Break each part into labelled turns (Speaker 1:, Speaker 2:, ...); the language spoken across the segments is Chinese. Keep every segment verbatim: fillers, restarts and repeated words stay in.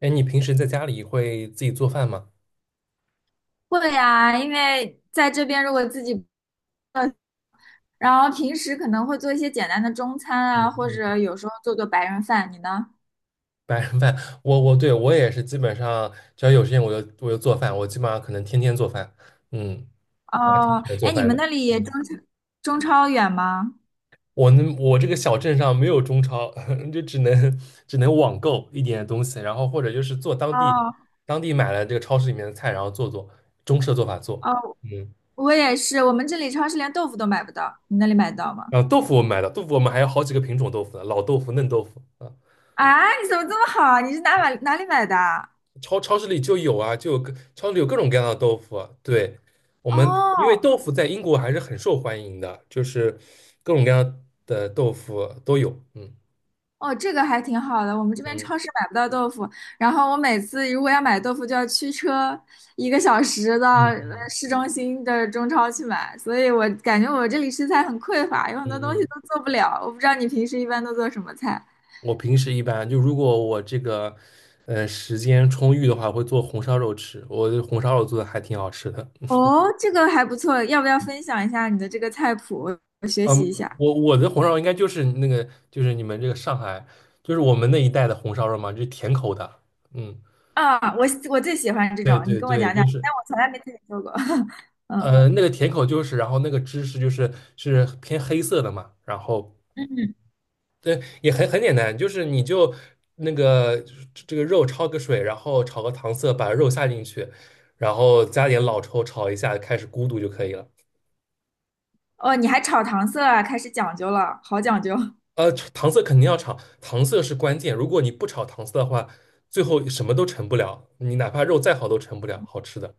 Speaker 1: 哎，你平时在家里会自己做饭吗？
Speaker 2: 会呀，因为在这边如果自己，然后平时可能会做一些简单的中餐
Speaker 1: 嗯
Speaker 2: 啊，或
Speaker 1: 嗯，
Speaker 2: 者有时候做做白人饭。你呢？
Speaker 1: 白人饭，我我对我也是，基本上只要有时间我就我就做饭，我基本上可能天天做饭。嗯，我还挺喜
Speaker 2: 哦，
Speaker 1: 欢做
Speaker 2: 哎，你
Speaker 1: 饭
Speaker 2: 们
Speaker 1: 的。
Speaker 2: 那里中
Speaker 1: 嗯，
Speaker 2: 超中超远吗？
Speaker 1: 我们我这个小镇上没有中超，就只能只能网购一点东西，然后或者就是做当地
Speaker 2: 哦
Speaker 1: 当地买了这个超市里面的菜，然后做做中式的做法做。
Speaker 2: 哦，
Speaker 1: 嗯，
Speaker 2: 我也是，我们这里超市连豆腐都买不到，你那里买得到吗？
Speaker 1: 然后豆腐我们买的，豆腐我们还有好几个品种豆腐呢，老豆腐、嫩豆腐。啊。
Speaker 2: 啊，你怎么这么好啊？你是哪买哪里买的啊？
Speaker 1: 超超市里就有啊，就有各超市里有各种各样的豆腐啊对，我们
Speaker 2: 哦
Speaker 1: 因为豆腐在英国还是很受欢迎的，就是各种各样的豆腐都有。嗯
Speaker 2: 哦，这个还挺好的。我们这边
Speaker 1: 嗯
Speaker 2: 超市买不到豆腐，然后我每次如果要买豆腐，就要驱车一个小时到呃
Speaker 1: 嗯
Speaker 2: 市中心的中超去买，所以我感觉我这里食材很匮乏，有很
Speaker 1: 嗯
Speaker 2: 多东西
Speaker 1: 嗯，
Speaker 2: 都做不了。我不知道你平时一般都做什么菜？
Speaker 1: 我平时一般就如果我这个呃时间充裕的话，会做红烧肉吃。我的红烧肉做的还挺好吃的。
Speaker 2: 哦，这个还不错，要不要分享一下你的这个菜谱，我学习
Speaker 1: 嗯，
Speaker 2: 一下？
Speaker 1: 我我的红烧肉应该就是那个就是你们这个上海就是我们那一带的红烧肉嘛，就是甜口的。嗯，
Speaker 2: 啊，我我最喜欢这种，
Speaker 1: 对
Speaker 2: 你
Speaker 1: 对
Speaker 2: 跟我
Speaker 1: 对，
Speaker 2: 讲讲，
Speaker 1: 就是。
Speaker 2: 但我从来没自己做过。嗯
Speaker 1: 呃，那个甜口就是，然后那个芝士就是是偏黑色的嘛，然后
Speaker 2: 嗯，
Speaker 1: 对，也很很简单，就是你就那个这这个肉焯个水，然后炒个糖色，把肉下进去，然后加点老抽炒一下，开始咕嘟就可以了。
Speaker 2: 哦，你还炒糖色啊，开始讲究了，好讲究。
Speaker 1: 呃，糖色肯定要炒，糖色是关键，如果你不炒糖色的话，最后什么都成不了，你哪怕肉再好都成不了好吃的。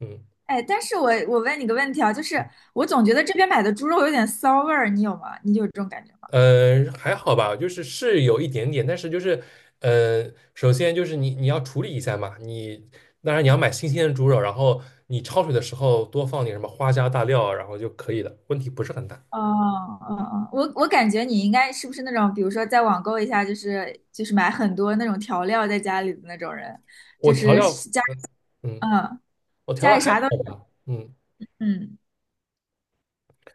Speaker 1: 嗯。
Speaker 2: 哎，但是我我问你个问题啊，就是我总觉得这边买的猪肉有点骚味儿，你有吗？你有这种感觉吗？
Speaker 1: 嗯呃，还好吧，就是是有一点点，但是就是，呃，首先就是你你要处理一下嘛，你当然你要买新鲜的猪肉，然后你焯水的时候多放点什么花椒大料，然后就可以了，问题不是很大。
Speaker 2: 哦，哦哦，我我感觉你应该是不是那种，比如说在网购一下，就是就是买很多那种调料在家里的那种人，
Speaker 1: 我
Speaker 2: 就
Speaker 1: 调
Speaker 2: 是
Speaker 1: 料，
Speaker 2: 家里
Speaker 1: 嗯，
Speaker 2: 嗯
Speaker 1: 我调
Speaker 2: 家
Speaker 1: 料
Speaker 2: 里
Speaker 1: 还
Speaker 2: 啥
Speaker 1: 好
Speaker 2: 都有
Speaker 1: 吧，嗯，
Speaker 2: 嗯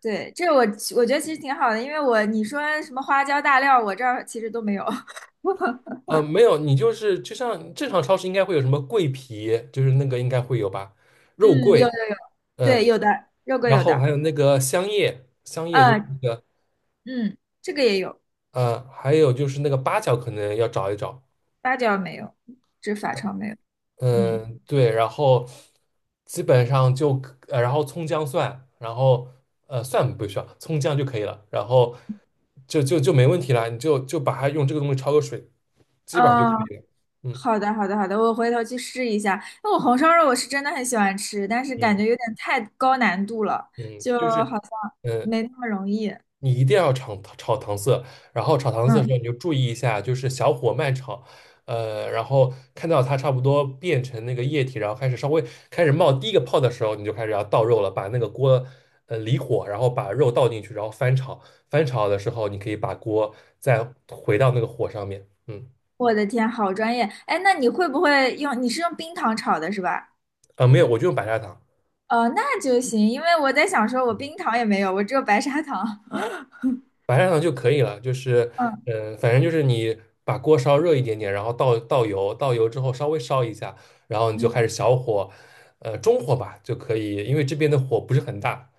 Speaker 2: 对，这我我觉得其实挺好的，因为我你说什么花椒大料，我这儿其实都没有。
Speaker 1: 呃，没有，你就是就像正常超市应该会有什么桂皮，就是那个应该会有吧，肉
Speaker 2: 嗯，有
Speaker 1: 桂，
Speaker 2: 的对
Speaker 1: 嗯，
Speaker 2: 有的肉桂
Speaker 1: 然
Speaker 2: 有
Speaker 1: 后
Speaker 2: 的，
Speaker 1: 还有那个香叶，香叶就是
Speaker 2: 嗯
Speaker 1: 那个，
Speaker 2: 嗯，这个也有，
Speaker 1: 呃，还有就是那个八角可能要找一找。
Speaker 2: 八角没有，这法超没有。嗯，
Speaker 1: 嗯，对，然后基本上就可呃，然后葱姜蒜，然后呃，蒜不需要，葱姜就可以了，然后就就就没问题了，你就就把它用这个东西焯个水，基本上就可
Speaker 2: 哦，
Speaker 1: 以了。嗯
Speaker 2: 好的，好的，好的，我回头去试一下。那我红烧肉我是真的很喜欢吃，但是感
Speaker 1: 嗯
Speaker 2: 觉有点太高难度了，
Speaker 1: 嗯，
Speaker 2: 就
Speaker 1: 就
Speaker 2: 好
Speaker 1: 是
Speaker 2: 像
Speaker 1: 嗯，
Speaker 2: 没那么容易。
Speaker 1: 你一定要炒炒糖色，然后炒糖色的时
Speaker 2: 嗯，
Speaker 1: 候嗯你就注意一下，就是小火慢炒，呃，然后看到它差不多变成那个液体，然后开始稍微开始冒第一个泡的时候，你就开始要倒肉了，把那个锅呃离火，然后把肉倒进去，然后翻炒，翻炒的时候你可以把锅再回到那个火上面，嗯，
Speaker 2: 我的天，好专业。哎，那你会不会用？你是用冰糖炒的是吧？
Speaker 1: 啊没有，我就用白砂糖。
Speaker 2: 哦，那就行，因为我在想说，我冰糖也没有，我只有白砂糖。
Speaker 1: 白砂糖就可以了，就是，
Speaker 2: 嗯
Speaker 1: 呃，反正就是你把锅烧热一点点，然后倒倒油，倒油之后稍微烧一下，然后你就开始
Speaker 2: 嗯
Speaker 1: 小火，呃，中火吧就可以，因为这边的火不是很大，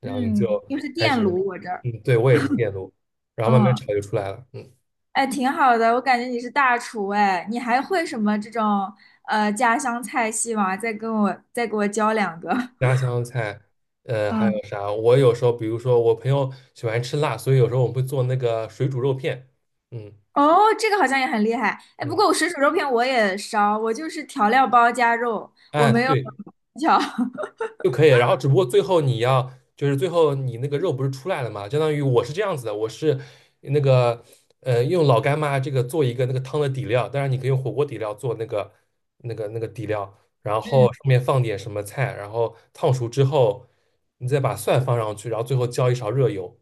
Speaker 1: 然后你就
Speaker 2: 嗯，又是
Speaker 1: 开
Speaker 2: 电
Speaker 1: 始，
Speaker 2: 炉我这儿。
Speaker 1: 嗯，对，我也是电炉，然后慢慢
Speaker 2: 嗯
Speaker 1: 炒就出来了，嗯，
Speaker 2: 哎，挺好的，我感觉你是大厨哎，你还会什么这种呃家乡菜系吗？再跟我再给我教两个。
Speaker 1: 家乡菜，呃，还
Speaker 2: 嗯，
Speaker 1: 有啥？我有时候比如说我朋友喜欢吃辣，所以有时候我们会做那个水煮肉片，嗯
Speaker 2: 哦，这个好像也很厉害。哎，不
Speaker 1: 嗯，
Speaker 2: 过我水煮肉片我也烧，我就是调料包加肉，我
Speaker 1: 哎，
Speaker 2: 没有
Speaker 1: 对，
Speaker 2: 技巧
Speaker 1: 就可以了然后只不过最后你要，就是最后你那个肉不是出来了嘛？相当于我是这样子的，我是那个呃用老干妈这个做一个那个汤的底料，当然你可以用火锅底料做那个那个那个底料，然后
Speaker 2: 嗯，
Speaker 1: 上面放点什么菜，然后烫熟之后，你再把蒜放上去，然后最后浇一勺热油。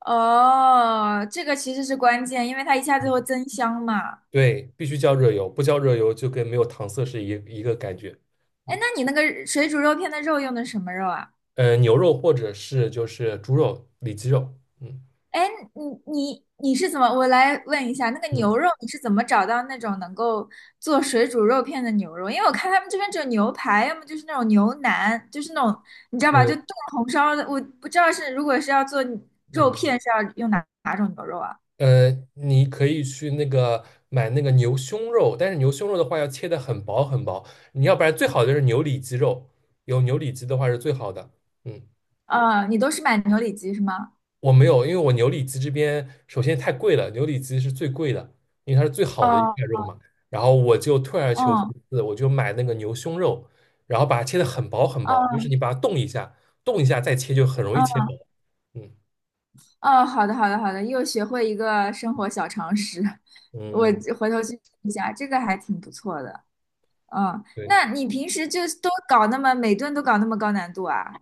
Speaker 2: 哦，这个其实是关键，因为它一下子会增香嘛。
Speaker 1: 对，必须浇热油，不浇热油就跟没有糖色是一一个感觉。
Speaker 2: 哎，
Speaker 1: 嗯，
Speaker 2: 那你那个水煮肉片的肉用的什么肉啊？
Speaker 1: 呃，牛肉或者是就是猪肉、里脊肉。嗯
Speaker 2: 哎，你你你是怎么？我来问一下，那个牛
Speaker 1: 嗯
Speaker 2: 肉你是怎么找到那种能够做水煮肉片的牛肉？因为我看他们这边只有牛排，要么就是那种牛腩，就是那种你知道吧，就
Speaker 1: 呃
Speaker 2: 炖红烧的。我不知道是如果是要做肉
Speaker 1: 嗯。
Speaker 2: 片是要用哪哪种牛肉啊？
Speaker 1: 嗯呃你可以去那个买那个牛胸肉，但是牛胸肉的话要切的很薄很薄，你要不然最好的就是牛里脊肉，有牛里脊的话是最好的。嗯，
Speaker 2: 啊，你都是买牛里脊是吗？
Speaker 1: 我没有，因为我牛里脊这边首先太贵了，牛里脊是最贵的，因为它是最好的一
Speaker 2: 哦，
Speaker 1: 块肉嘛。然后我就退而求其
Speaker 2: 哦，
Speaker 1: 次，我就买那个牛胸肉，然后把它切的很薄很薄，就
Speaker 2: 哦，
Speaker 1: 是你把它冻一下，冻一下再切就很容易切
Speaker 2: 哦，
Speaker 1: 薄。嗯
Speaker 2: 哦，好的，好的，好的，又学会一个生活小常识，我
Speaker 1: 嗯，
Speaker 2: 回头去试一下，这个还挺不错的。嗯，
Speaker 1: 对。
Speaker 2: 那你平时就都搞那么每顿都搞那么高难度啊？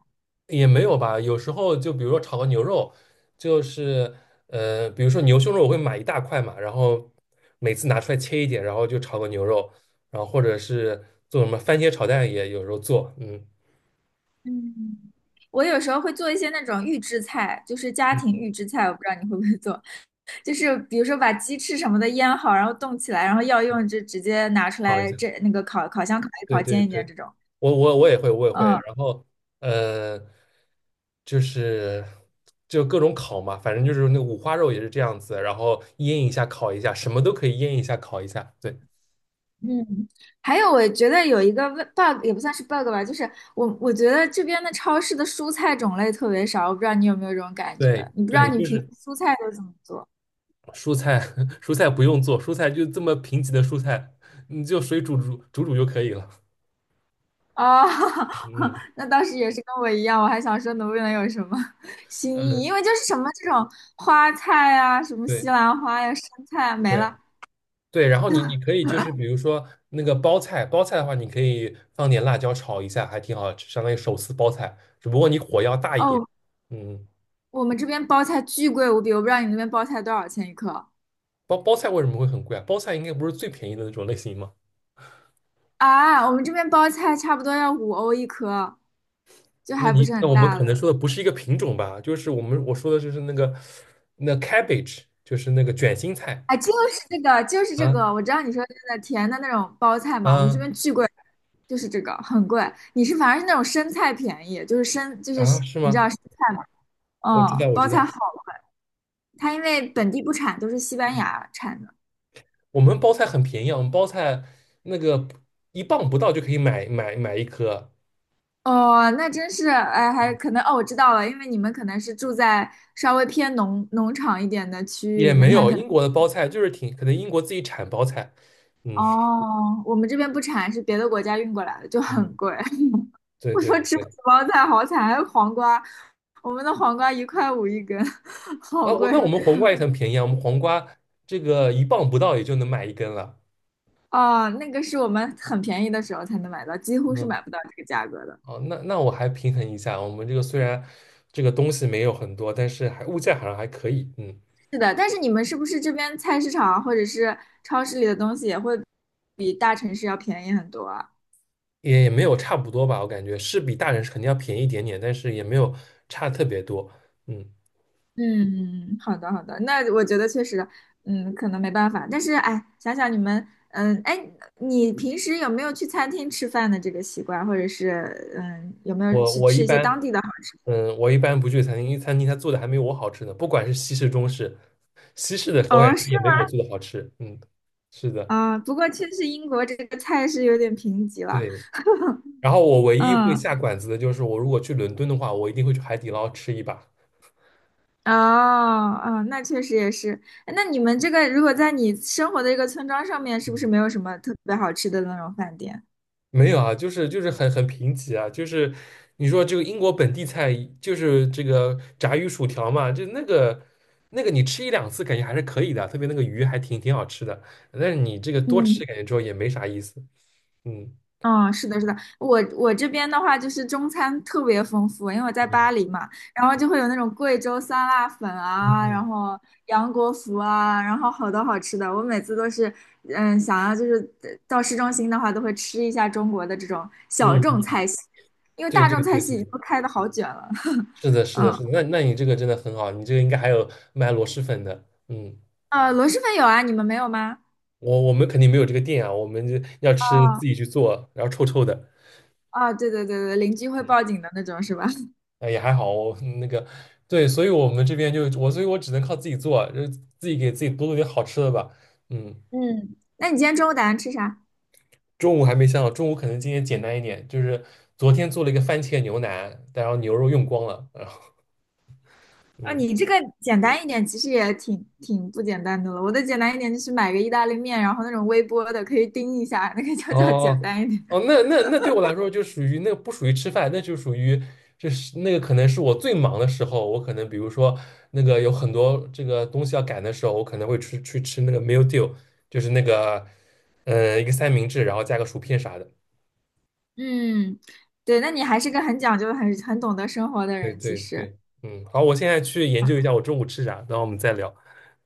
Speaker 1: 也没有吧，有时候就比如说炒个牛肉，就是呃，比如说牛胸肉，我会买一大块嘛，然后每次拿出来切一点，然后就炒个牛肉，然后或者是做什么番茄炒蛋也有时候做，嗯
Speaker 2: 嗯，我有时候会做一些那种预制菜，就是家庭
Speaker 1: 嗯，
Speaker 2: 预制菜，我不知道你会不会做，就是比如说把鸡翅什么的腌好，然后冻起来，然后要用就直接拿出
Speaker 1: 炒一
Speaker 2: 来
Speaker 1: 下，
Speaker 2: 这那个烤烤箱烤一
Speaker 1: 对
Speaker 2: 烤，
Speaker 1: 对
Speaker 2: 煎一煎
Speaker 1: 对，
Speaker 2: 这种。
Speaker 1: 我我我也会我也会，
Speaker 2: 嗯
Speaker 1: 然后呃，就是就各种烤嘛，反正就是那五花肉也是这样子，然后腌一下烤一下，什么都可以腌一下烤一下，对
Speaker 2: 嗯，还有我觉得有一个 bug 也不算是 bug 吧，就是我我觉得这边的超市的蔬菜种类特别少，我不知道你有没有这种感觉，
Speaker 1: 对
Speaker 2: 你不知道
Speaker 1: 对，
Speaker 2: 你
Speaker 1: 就
Speaker 2: 平时
Speaker 1: 是。
Speaker 2: 蔬菜都怎么做？
Speaker 1: 蔬菜 蔬菜不用做，蔬菜就这么贫瘠的蔬菜，你就水煮煮煮煮就可以了。
Speaker 2: 啊，
Speaker 1: 嗯
Speaker 2: 那当时也是跟我一样，我还想说能不能有什么 新意，
Speaker 1: 嗯，
Speaker 2: 因为就是什么这种花菜啊，什么西
Speaker 1: 对
Speaker 2: 兰花呀、生菜啊，没
Speaker 1: 对
Speaker 2: 了。
Speaker 1: 对，然后你你可以就是比如说那个包菜，包菜的话，你可以放点辣椒炒一下，还挺好吃，相当于手撕包菜，只不过你火要大一点。
Speaker 2: 哦，
Speaker 1: 嗯，
Speaker 2: 我们这边包菜巨贵无比，我不知道你那边包菜多少钱一颗
Speaker 1: 包包菜为什么会很贵啊？包菜应该不是最便宜的那种类型吗？
Speaker 2: 啊？我们这边包菜差不多要五欧一颗，就
Speaker 1: 那
Speaker 2: 还不
Speaker 1: 你
Speaker 2: 是
Speaker 1: 那
Speaker 2: 很
Speaker 1: 我们
Speaker 2: 大
Speaker 1: 可能
Speaker 2: 的。
Speaker 1: 说的不是一个品种吧？就是我们我说的就是那个那 cabbage，就是那个卷心菜
Speaker 2: 哎，就是这个，就是这个，
Speaker 1: 啊
Speaker 2: 我知道你说的那个甜的那种包菜嘛，我们这
Speaker 1: 啊
Speaker 2: 边巨贵，就是这个很贵。你是反而是那种生菜便宜，就是生就
Speaker 1: 啊，
Speaker 2: 是
Speaker 1: 是
Speaker 2: 你知
Speaker 1: 吗？
Speaker 2: 道生菜。
Speaker 1: 我知
Speaker 2: 哦，
Speaker 1: 道，我
Speaker 2: 包
Speaker 1: 知道，
Speaker 2: 菜好了，它因为本地不产，都是西班牙产的。
Speaker 1: 我们包菜很便宜啊，我们包菜那个一磅不到就可以买买买一颗，
Speaker 2: 哦，那真是，哎，还可能哦，我知道了，因为你们可能是住在稍微偏农农场一点的区域里
Speaker 1: 也
Speaker 2: 面，
Speaker 1: 没
Speaker 2: 它
Speaker 1: 有
Speaker 2: 可能
Speaker 1: 英国的包菜就是挺可能英国自己产包菜，嗯
Speaker 2: 哦，我们这边不产，是别的国家运过来的，就
Speaker 1: 嗯，
Speaker 2: 很 贵。
Speaker 1: 对
Speaker 2: 我
Speaker 1: 对
Speaker 2: 说吃不
Speaker 1: 对，
Speaker 2: 起包菜，好惨，还有黄瓜，我们的黄瓜一块五一根，
Speaker 1: 那
Speaker 2: 好
Speaker 1: 我
Speaker 2: 贵
Speaker 1: 那我们黄瓜也很便宜啊，我们黄瓜这个一磅不到也就能买一根了，
Speaker 2: 哦，那个是我们很便宜的时候才能买到，几乎是
Speaker 1: 嗯，
Speaker 2: 买不到这个价格的。
Speaker 1: 哦，那那我还平衡一下，我们这个虽然这个东西没有很多，但是还物价好像还可以，嗯，
Speaker 2: 是的，但是你们是不是这边菜市场啊或者是超市里的东西也会比大城市要便宜很多啊？
Speaker 1: 也也没有差不多吧，我感觉是比大人是肯定要便宜一点点，但是也没有差特别多，嗯。
Speaker 2: 嗯，好的好的，那我觉得确实，嗯，可能没办法。但是哎，想想你们，嗯，哎，你平时有没有去餐厅吃饭的这个习惯，或者是嗯，有没有
Speaker 1: 我
Speaker 2: 去
Speaker 1: 我一
Speaker 2: 吃一些当
Speaker 1: 般，
Speaker 2: 地的好？
Speaker 1: 嗯，我一般不去餐厅，因为餐厅他做的还没有我好吃呢。不管是西式、中式，西式的口感
Speaker 2: 哦，是
Speaker 1: 也
Speaker 2: 吗？
Speaker 1: 没有我做的好吃。嗯，是的，
Speaker 2: 啊，不过确实英国这个菜是有点贫瘠了。
Speaker 1: 对。然后我唯一会
Speaker 2: 嗯
Speaker 1: 下馆子的就是，我如果去伦敦的话，我一定会去海底捞吃一把。
Speaker 2: 哦，哦，那确实也是。哎那你们这个如果在你生活的一个村庄上面，是不是
Speaker 1: 嗯，
Speaker 2: 没有什么特别好吃的那种饭店？
Speaker 1: 没有啊，就是就是很很贫瘠啊，就是你说这个英国本地菜，就是这个炸鱼薯条嘛，就那个那个你吃一两次感觉还是可以的，特别那个鱼还挺挺好吃的。但是你这个多吃
Speaker 2: 嗯，
Speaker 1: 感觉之后也没啥意思。嗯
Speaker 2: 嗯，是的，是的，我我这边的话就是中餐特别丰富，因为我在巴
Speaker 1: 嗯。
Speaker 2: 黎嘛，然后就会有那种贵州酸辣粉
Speaker 1: 嗯
Speaker 2: 啊，
Speaker 1: 嗯
Speaker 2: 然后杨国福啊，然后好多好吃的，我每次都是，嗯，想要就是呃到市中心的话，都会吃一下中国的这种小
Speaker 1: 嗯，
Speaker 2: 众
Speaker 1: 嗯
Speaker 2: 菜系，因为
Speaker 1: 对
Speaker 2: 大
Speaker 1: 对
Speaker 2: 众菜
Speaker 1: 对
Speaker 2: 系已经
Speaker 1: 对，
Speaker 2: 都开的好卷了，
Speaker 1: 是的，是的，
Speaker 2: 嗯。
Speaker 1: 是的。那那你这个真的很好，你这个应该还有卖螺蛳粉的。嗯，
Speaker 2: 呃，螺蛳粉有啊，你们没有吗？
Speaker 1: 我我们肯定没有这个店啊，我们就要吃自
Speaker 2: 哦
Speaker 1: 己去做，然后臭臭的。
Speaker 2: 哦，对对对对，邻居会
Speaker 1: 嗯，
Speaker 2: 报警的那种是吧？
Speaker 1: 哎也还好哦，我那个对，所以我们这边就我，所以我只能靠自己做啊，就是自己给自己多做点好吃的吧。嗯，
Speaker 2: 嗯，那你今天中午打算吃啥？
Speaker 1: 中午还没想好，中午可能今天简单一点，就是昨天做了一个番茄牛腩，然后牛肉用光了，然后
Speaker 2: 啊，
Speaker 1: 嗯。
Speaker 2: 你这个简单一点，其实也挺挺不简单的了。我的简单一点就是买个意大利面，然后那种微波的可以叮一下，那个就
Speaker 1: 哦
Speaker 2: 叫简单一
Speaker 1: 哦，
Speaker 2: 点。
Speaker 1: 哦那那那对我来说就属于那个不属于吃饭，那就属于就是那个可能是我最忙的时候，我可能比如说那个有很多这个东西要赶的时候，我可能会去去吃那个 meal deal，就是那个嗯呃一个三明治，然后加个薯片啥的。
Speaker 2: 嗯，对，那你还是个很讲究、很很懂得生活的
Speaker 1: 对
Speaker 2: 人，其
Speaker 1: 对
Speaker 2: 实。
Speaker 1: 对，嗯，好，我现在去研究一下我中午吃啥，然后我们再聊，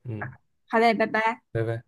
Speaker 1: 嗯，
Speaker 2: 好嘞，拜拜。
Speaker 1: 拜拜。